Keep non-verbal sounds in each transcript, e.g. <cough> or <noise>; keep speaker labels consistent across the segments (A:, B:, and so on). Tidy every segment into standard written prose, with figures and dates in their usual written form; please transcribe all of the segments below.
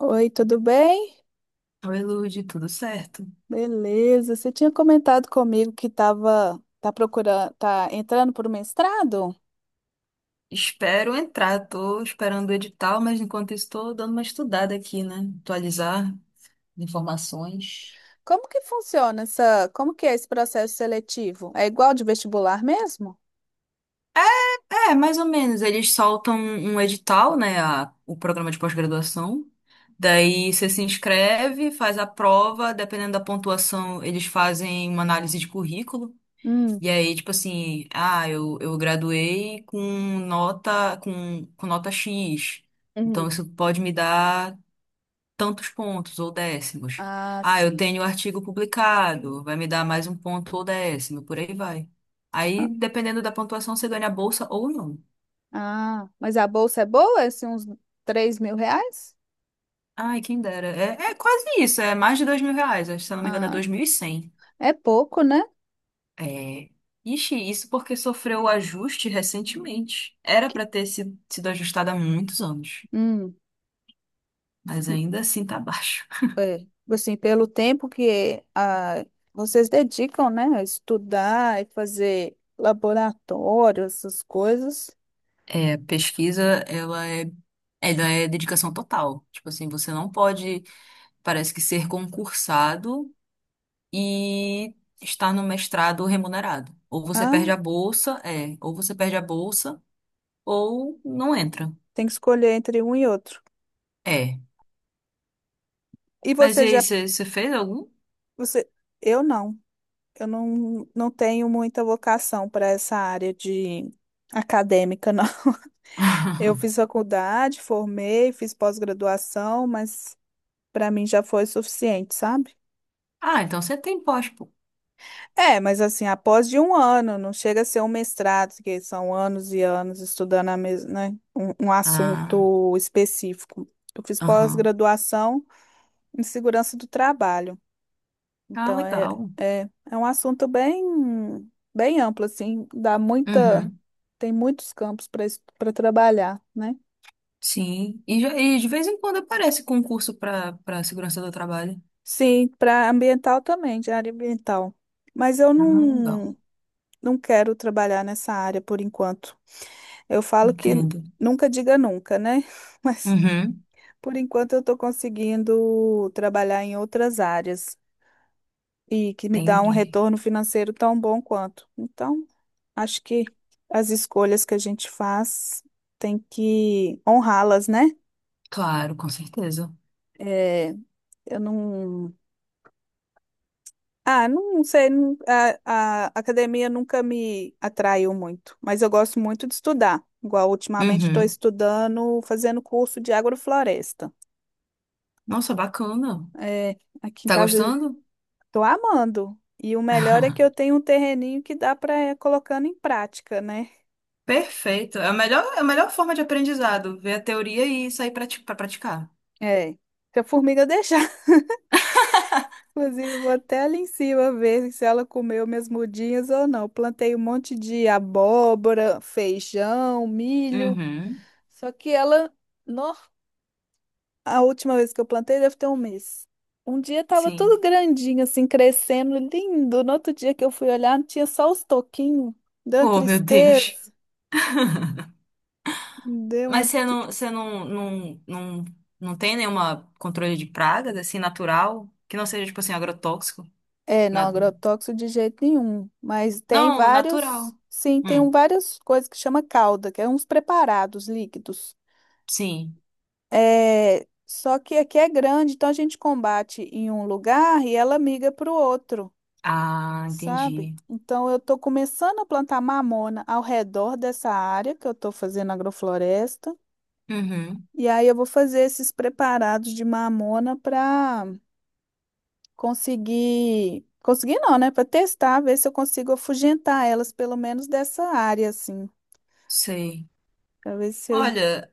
A: Oi, tudo bem?
B: Oi, Lude, tudo certo?
A: Beleza. Você tinha comentado comigo que estava tá procurando, tá entrando para o mestrado?
B: Espero entrar, tô esperando o edital, mas enquanto isso tô dando uma estudada aqui, né? Atualizar informações.
A: Como que funciona essa, como que é esse processo seletivo? É igual de vestibular mesmo?
B: É, mais ou menos, eles soltam um edital, né, o programa de pós-graduação. Daí você se inscreve, faz a prova, dependendo da pontuação, eles fazem uma análise de currículo.
A: Hum.
B: E aí, tipo assim, eu graduei com nota com nota X. Então
A: Uhum.
B: isso pode me dar tantos pontos ou décimos.
A: Ah,
B: Ah, eu
A: sim.
B: tenho o artigo publicado, vai me dar mais um ponto ou décimo, por aí vai. Aí, dependendo da pontuação, você ganha a bolsa ou não.
A: Ah, mas a bolsa é boa? É assim, uns R$ 3.000?
B: Ai, quem dera. É quase isso, é mais de dois mil reais, acho que, se eu não me engano é
A: Ah,
B: dois mil e cem.
A: é pouco, né?
B: É... Ixi, isso porque sofreu o ajuste recentemente. Era
A: Que-
B: para ter sido, sido ajustada há muitos anos,
A: Hum.
B: mas ainda assim tá baixo.
A: É, assim, pelo tempo que vocês dedicam, né, a estudar e fazer laboratório, essas coisas.
B: É, pesquisa, ela é dedicação total. Tipo assim, você não pode parece que ser concursado e estar no mestrado remunerado. Ou você perde
A: Ah,
B: a bolsa, ou você perde a bolsa, ou não entra.
A: tem que escolher entre um e outro.
B: É.
A: E
B: Mas
A: você
B: e aí,
A: já,
B: você fez algum?
A: você, eu não, eu não, Não tenho muita vocação para essa área de acadêmica, não. <laughs> Eu
B: <laughs>
A: fiz faculdade, formei, fiz pós-graduação, mas para mim já foi suficiente, sabe?
B: Ah, então você tem pós, pô.
A: É, mas assim, após de um ano, não chega a ser um mestrado, que são anos e anos estudando né, um
B: Ah,
A: assunto específico. Eu fiz
B: aham.
A: pós-graduação em segurança do trabalho.
B: Ah,
A: Então, é,
B: legal.
A: é, é um assunto bem, bem amplo, assim, dá muita,
B: Uhum.
A: tem muitos campos para trabalhar, né?
B: Sim. E, e de vez em quando aparece concurso para para segurança do trabalho.
A: Sim, para ambiental também, de área ambiental. Mas eu
B: Ah, legal.
A: não, não quero trabalhar nessa área por enquanto. Eu falo que
B: Entendo.
A: nunca diga nunca, né? <laughs> Mas
B: Uhum.
A: por enquanto eu estou conseguindo trabalhar em outras áreas e que me dá um
B: Entendi.
A: retorno financeiro tão bom quanto. Então, acho que as escolhas que a gente faz tem que honrá-las, né?
B: Claro, com certeza.
A: É, eu não. Ah, não sei, não- a academia nunca me atraiu muito, mas eu gosto muito de estudar. Igual ultimamente estou
B: Uhum.
A: estudando, fazendo curso de agrofloresta.
B: Nossa, bacana.
A: É, aqui em
B: Tá
A: casa eu
B: gostando?
A: tô amando. E o melhor é que eu
B: <laughs>
A: tenho um terreninho que dá para ir colocando em prática, né?
B: Perfeito. É a melhor forma de aprendizado, ver a teoria e sair para praticar.
A: É. Se a formiga deixar. <laughs> Inclusive, eu vou até ali em cima ver se ela comeu minhas mudinhas ou não. Plantei um monte de abóbora, feijão, milho.
B: Uhum,
A: Só que ela, nó, a última vez que eu plantei deve ter um mês. Um dia tava tudo
B: sim.
A: grandinho, assim, crescendo, lindo. No outro dia que eu fui olhar, tinha só os toquinhos. Deu uma
B: Oh, meu Deus.
A: tristeza. Deu uma.
B: Mas
A: t-
B: você não, não, não, não tem nenhuma controle de pragas, assim, natural? Que não seja, tipo assim, agrotóxico?
A: É, não,
B: Na-
A: agrotóxico de jeito nenhum. Mas tem
B: Não,
A: vários.
B: natural.
A: Sim, tem
B: Hum,
A: várias coisas que chama calda, que é uns preparados líquidos.
B: sim.
A: É, só que aqui é grande, então a gente combate em um lugar e ela migra para o outro,
B: Ah,
A: sabe?
B: entendi.
A: Então eu estou começando a plantar mamona ao redor dessa área que eu estou fazendo agrofloresta.
B: Uhum,
A: E aí eu vou fazer esses preparados de mamona para conseguir, conseguir não, né? Para testar, ver se eu consigo afugentar elas, pelo menos dessa área, assim,
B: sei.
A: para ver se.
B: Olha,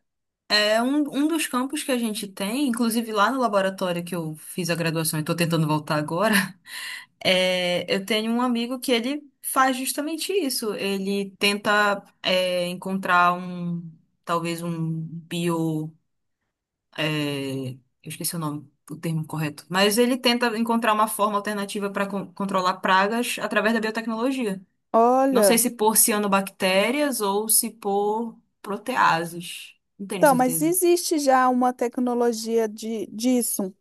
B: é um, um dos campos que a gente tem, inclusive lá no laboratório que eu fiz a graduação e estou tentando voltar agora, <laughs> é, eu tenho um amigo que ele faz justamente isso. Ele tenta encontrar um, talvez um eu esqueci o nome, o termo correto, mas ele tenta encontrar uma forma alternativa para controlar pragas através da biotecnologia. Não sei
A: Olha,
B: se por cianobactérias ou se por proteases. Não tenho
A: então, mas
B: certeza.
A: existe já uma tecnologia disso.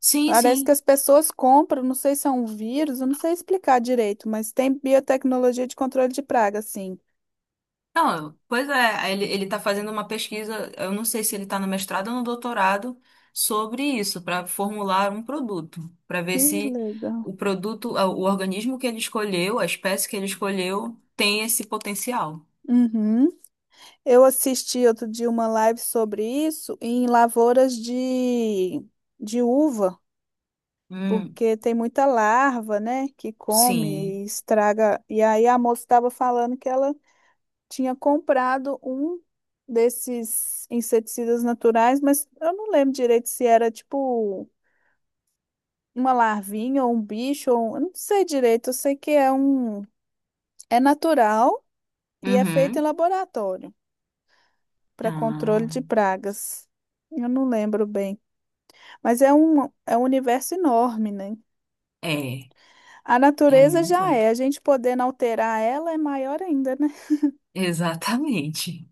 B: Sim,
A: Parece que
B: sim.
A: as pessoas compram, não sei se é um vírus, eu não sei explicar direito, mas tem biotecnologia de controle de praga, sim.
B: Não, pois é, aí ele tá fazendo uma pesquisa, eu não sei se ele está no mestrado ou no doutorado, sobre isso, para formular um produto, para ver
A: Que
B: se
A: legal.
B: o produto, ah, o organismo que ele escolheu, a espécie que ele escolheu, tem esse potencial.
A: Uhum. Eu assisti outro dia uma live sobre isso em lavouras de uva,
B: Hum,
A: porque tem muita larva, né, que
B: sim.
A: come e estraga. E aí a moça estava falando que ela tinha comprado um desses inseticidas naturais, mas eu não lembro direito se era tipo uma larvinha ou um bicho, eu não sei direito, eu sei que é natural e é feito em
B: Uhum.
A: laboratório para controle de
B: Ah,
A: pragas. Eu não lembro bem, mas é um universo enorme, né?
B: é,
A: A
B: é
A: natureza
B: muito
A: já é,
B: amplo.
A: a gente podendo alterar ela é maior ainda, né?
B: Exatamente.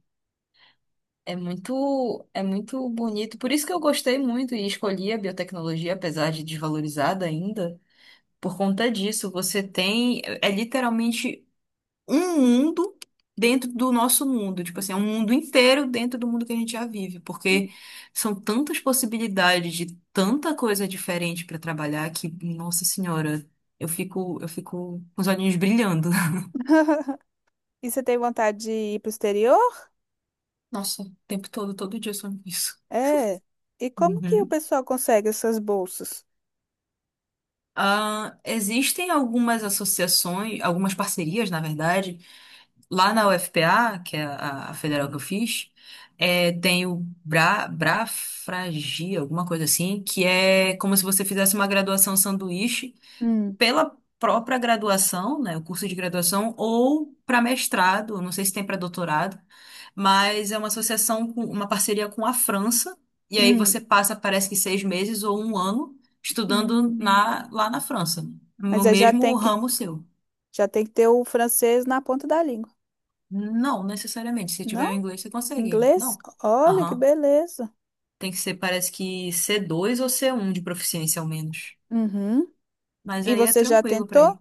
B: É muito bonito. Por isso que eu gostei muito e escolhi a biotecnologia, apesar de desvalorizada ainda. Por conta disso, você tem. É literalmente um mundo dentro do nosso mundo. Tipo assim, é um mundo inteiro dentro do mundo que a gente já vive. Porque são tantas possibilidades de tanta coisa diferente para trabalhar que, nossa senhora, eu fico com os olhinhos brilhando. <laughs>
A: E você tem vontade de ir para o exterior?
B: Nossa, o tempo todo, todo dia eu sonho isso.
A: É. E como que o
B: Uhum.
A: pessoal consegue essas bolsas?
B: Ah, existem algumas associações, algumas parcerias, na verdade. Lá na UFPA, que é a federal que eu fiz, é, tem o brafragia, alguma coisa assim, que é como se você fizesse uma graduação sanduíche
A: Hum,
B: pela própria graduação, né, o curso de graduação, ou para mestrado, não sei se tem para doutorado, mas é uma associação, uma parceria com a França, e aí
A: hum,
B: você passa, parece que seis meses ou um ano estudando
A: hum.
B: lá na França,
A: Mas
B: no
A: aí já tem
B: mesmo
A: que,
B: ramo seu.
A: já tem que ter o francês na ponta da língua.
B: Não, necessariamente. Se
A: Não?
B: tiver o inglês, você consegue.
A: Inglês?
B: Não.
A: Olha que
B: Aham.
A: beleza.
B: Tem que ser, parece que c dois ou c um de proficiência, ao menos.
A: Uhum.
B: Mas
A: E
B: aí é
A: você já
B: tranquilo pra
A: tentou?
B: ir.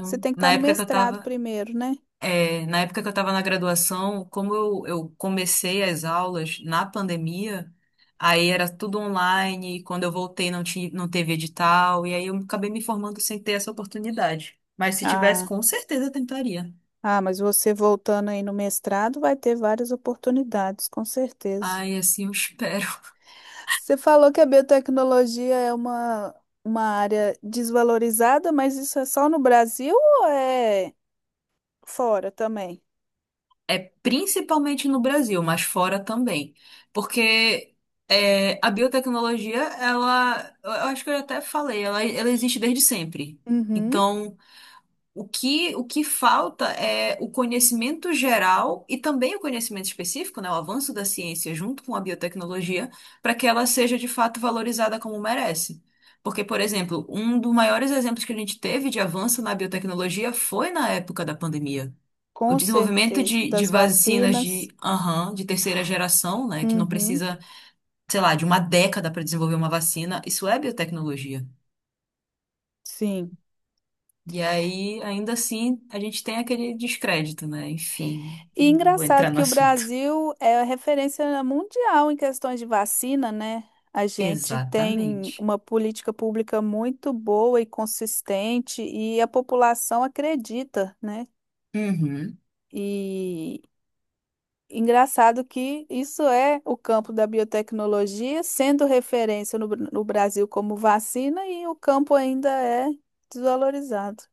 A: Você tem que estar
B: Na
A: no
B: época que eu
A: mestrado
B: tava.
A: primeiro, né?
B: É, na época que eu tava na graduação, como eu comecei as aulas na pandemia, aí era tudo online, e quando eu voltei não teve edital, e aí eu acabei me formando sem ter essa oportunidade. Mas se tivesse,
A: Ah,
B: com certeza eu tentaria.
A: mas você voltando aí no mestrado vai ter várias oportunidades, com certeza.
B: Ai, assim eu espero.
A: Você falou que a biotecnologia é uma área desvalorizada, mas isso é só no Brasil ou é fora também?
B: Principalmente no Brasil, mas fora também. Porque é, a biotecnologia, ela, eu acho que eu até falei, ela existe desde sempre.
A: Uhum,
B: Então, o que falta é o conhecimento geral e também o conhecimento específico, né, o avanço da ciência junto com a biotecnologia, para que ela seja de fato valorizada como merece. Porque, por exemplo, um dos maiores exemplos que a gente teve de avanço na biotecnologia foi na época da pandemia, o
A: com
B: desenvolvimento
A: certeza.
B: de
A: Das
B: vacinas de,
A: vacinas.
B: aham, de terceira geração, né, que não
A: Uhum,
B: precisa, sei lá, de uma década para desenvolver uma vacina, isso é biotecnologia.
A: sim.
B: E aí, ainda assim, a gente tem aquele descrédito, né? Enfim,
A: E
B: não vou
A: engraçado
B: entrar no
A: que o
B: assunto.
A: Brasil é a referência mundial em questões de vacina, né? A gente tem
B: Exatamente.
A: uma política pública muito boa e consistente e a população acredita, né?
B: Uhum,
A: E engraçado que isso é o campo da biotecnologia, sendo referência no Brasil como vacina, e o campo ainda é desvalorizado.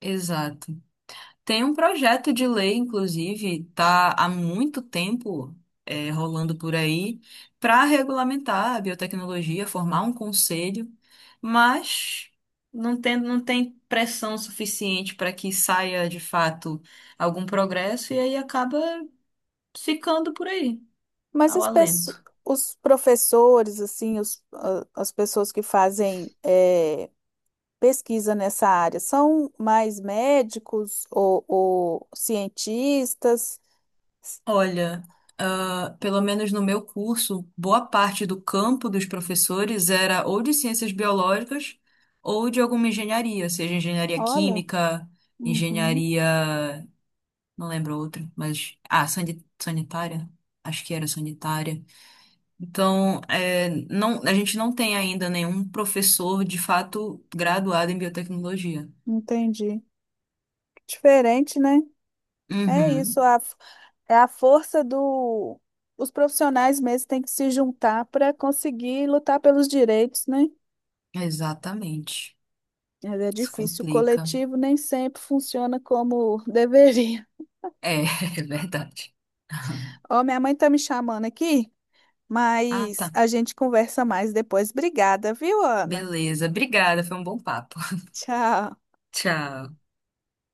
B: exato. Tem um projeto de lei, inclusive, tá há muito tempo é, rolando por aí para regulamentar a biotecnologia, formar um conselho, mas não tem pressão suficiente para que saia de fato algum progresso e aí acaba ficando por aí,
A: Mas
B: ao
A: as pesso-
B: alento.
A: os professores, assim, as pessoas que fazem pesquisa nessa área, são mais médicos ou cientistas?
B: Olha, ah, pelo menos no meu curso, boa parte do campo dos professores era ou de ciências biológicas ou de alguma engenharia, seja engenharia
A: Olha,
B: química,
A: uhum,
B: engenharia, não lembro outra, mas sanitária, acho que era sanitária. Então, é, não, a gente não tem ainda nenhum professor de fato graduado em biotecnologia.
A: entendi. Diferente, né? É isso,
B: Uhum,
A: é a força do. Os profissionais mesmo têm que se juntar para conseguir lutar pelos direitos, né?
B: exatamente.
A: Mas é
B: Isso
A: difícil, o
B: complica.
A: coletivo nem sempre funciona como <laughs> deveria.
B: É, <laughs> é verdade. <laughs>
A: Ó, minha mãe tá me chamando aqui,
B: Ah,
A: mas
B: tá.
A: a gente conversa mais depois. Obrigada, viu, Ana?
B: Beleza. Obrigada, foi um bom papo. <laughs>
A: Tchau.
B: Tchau.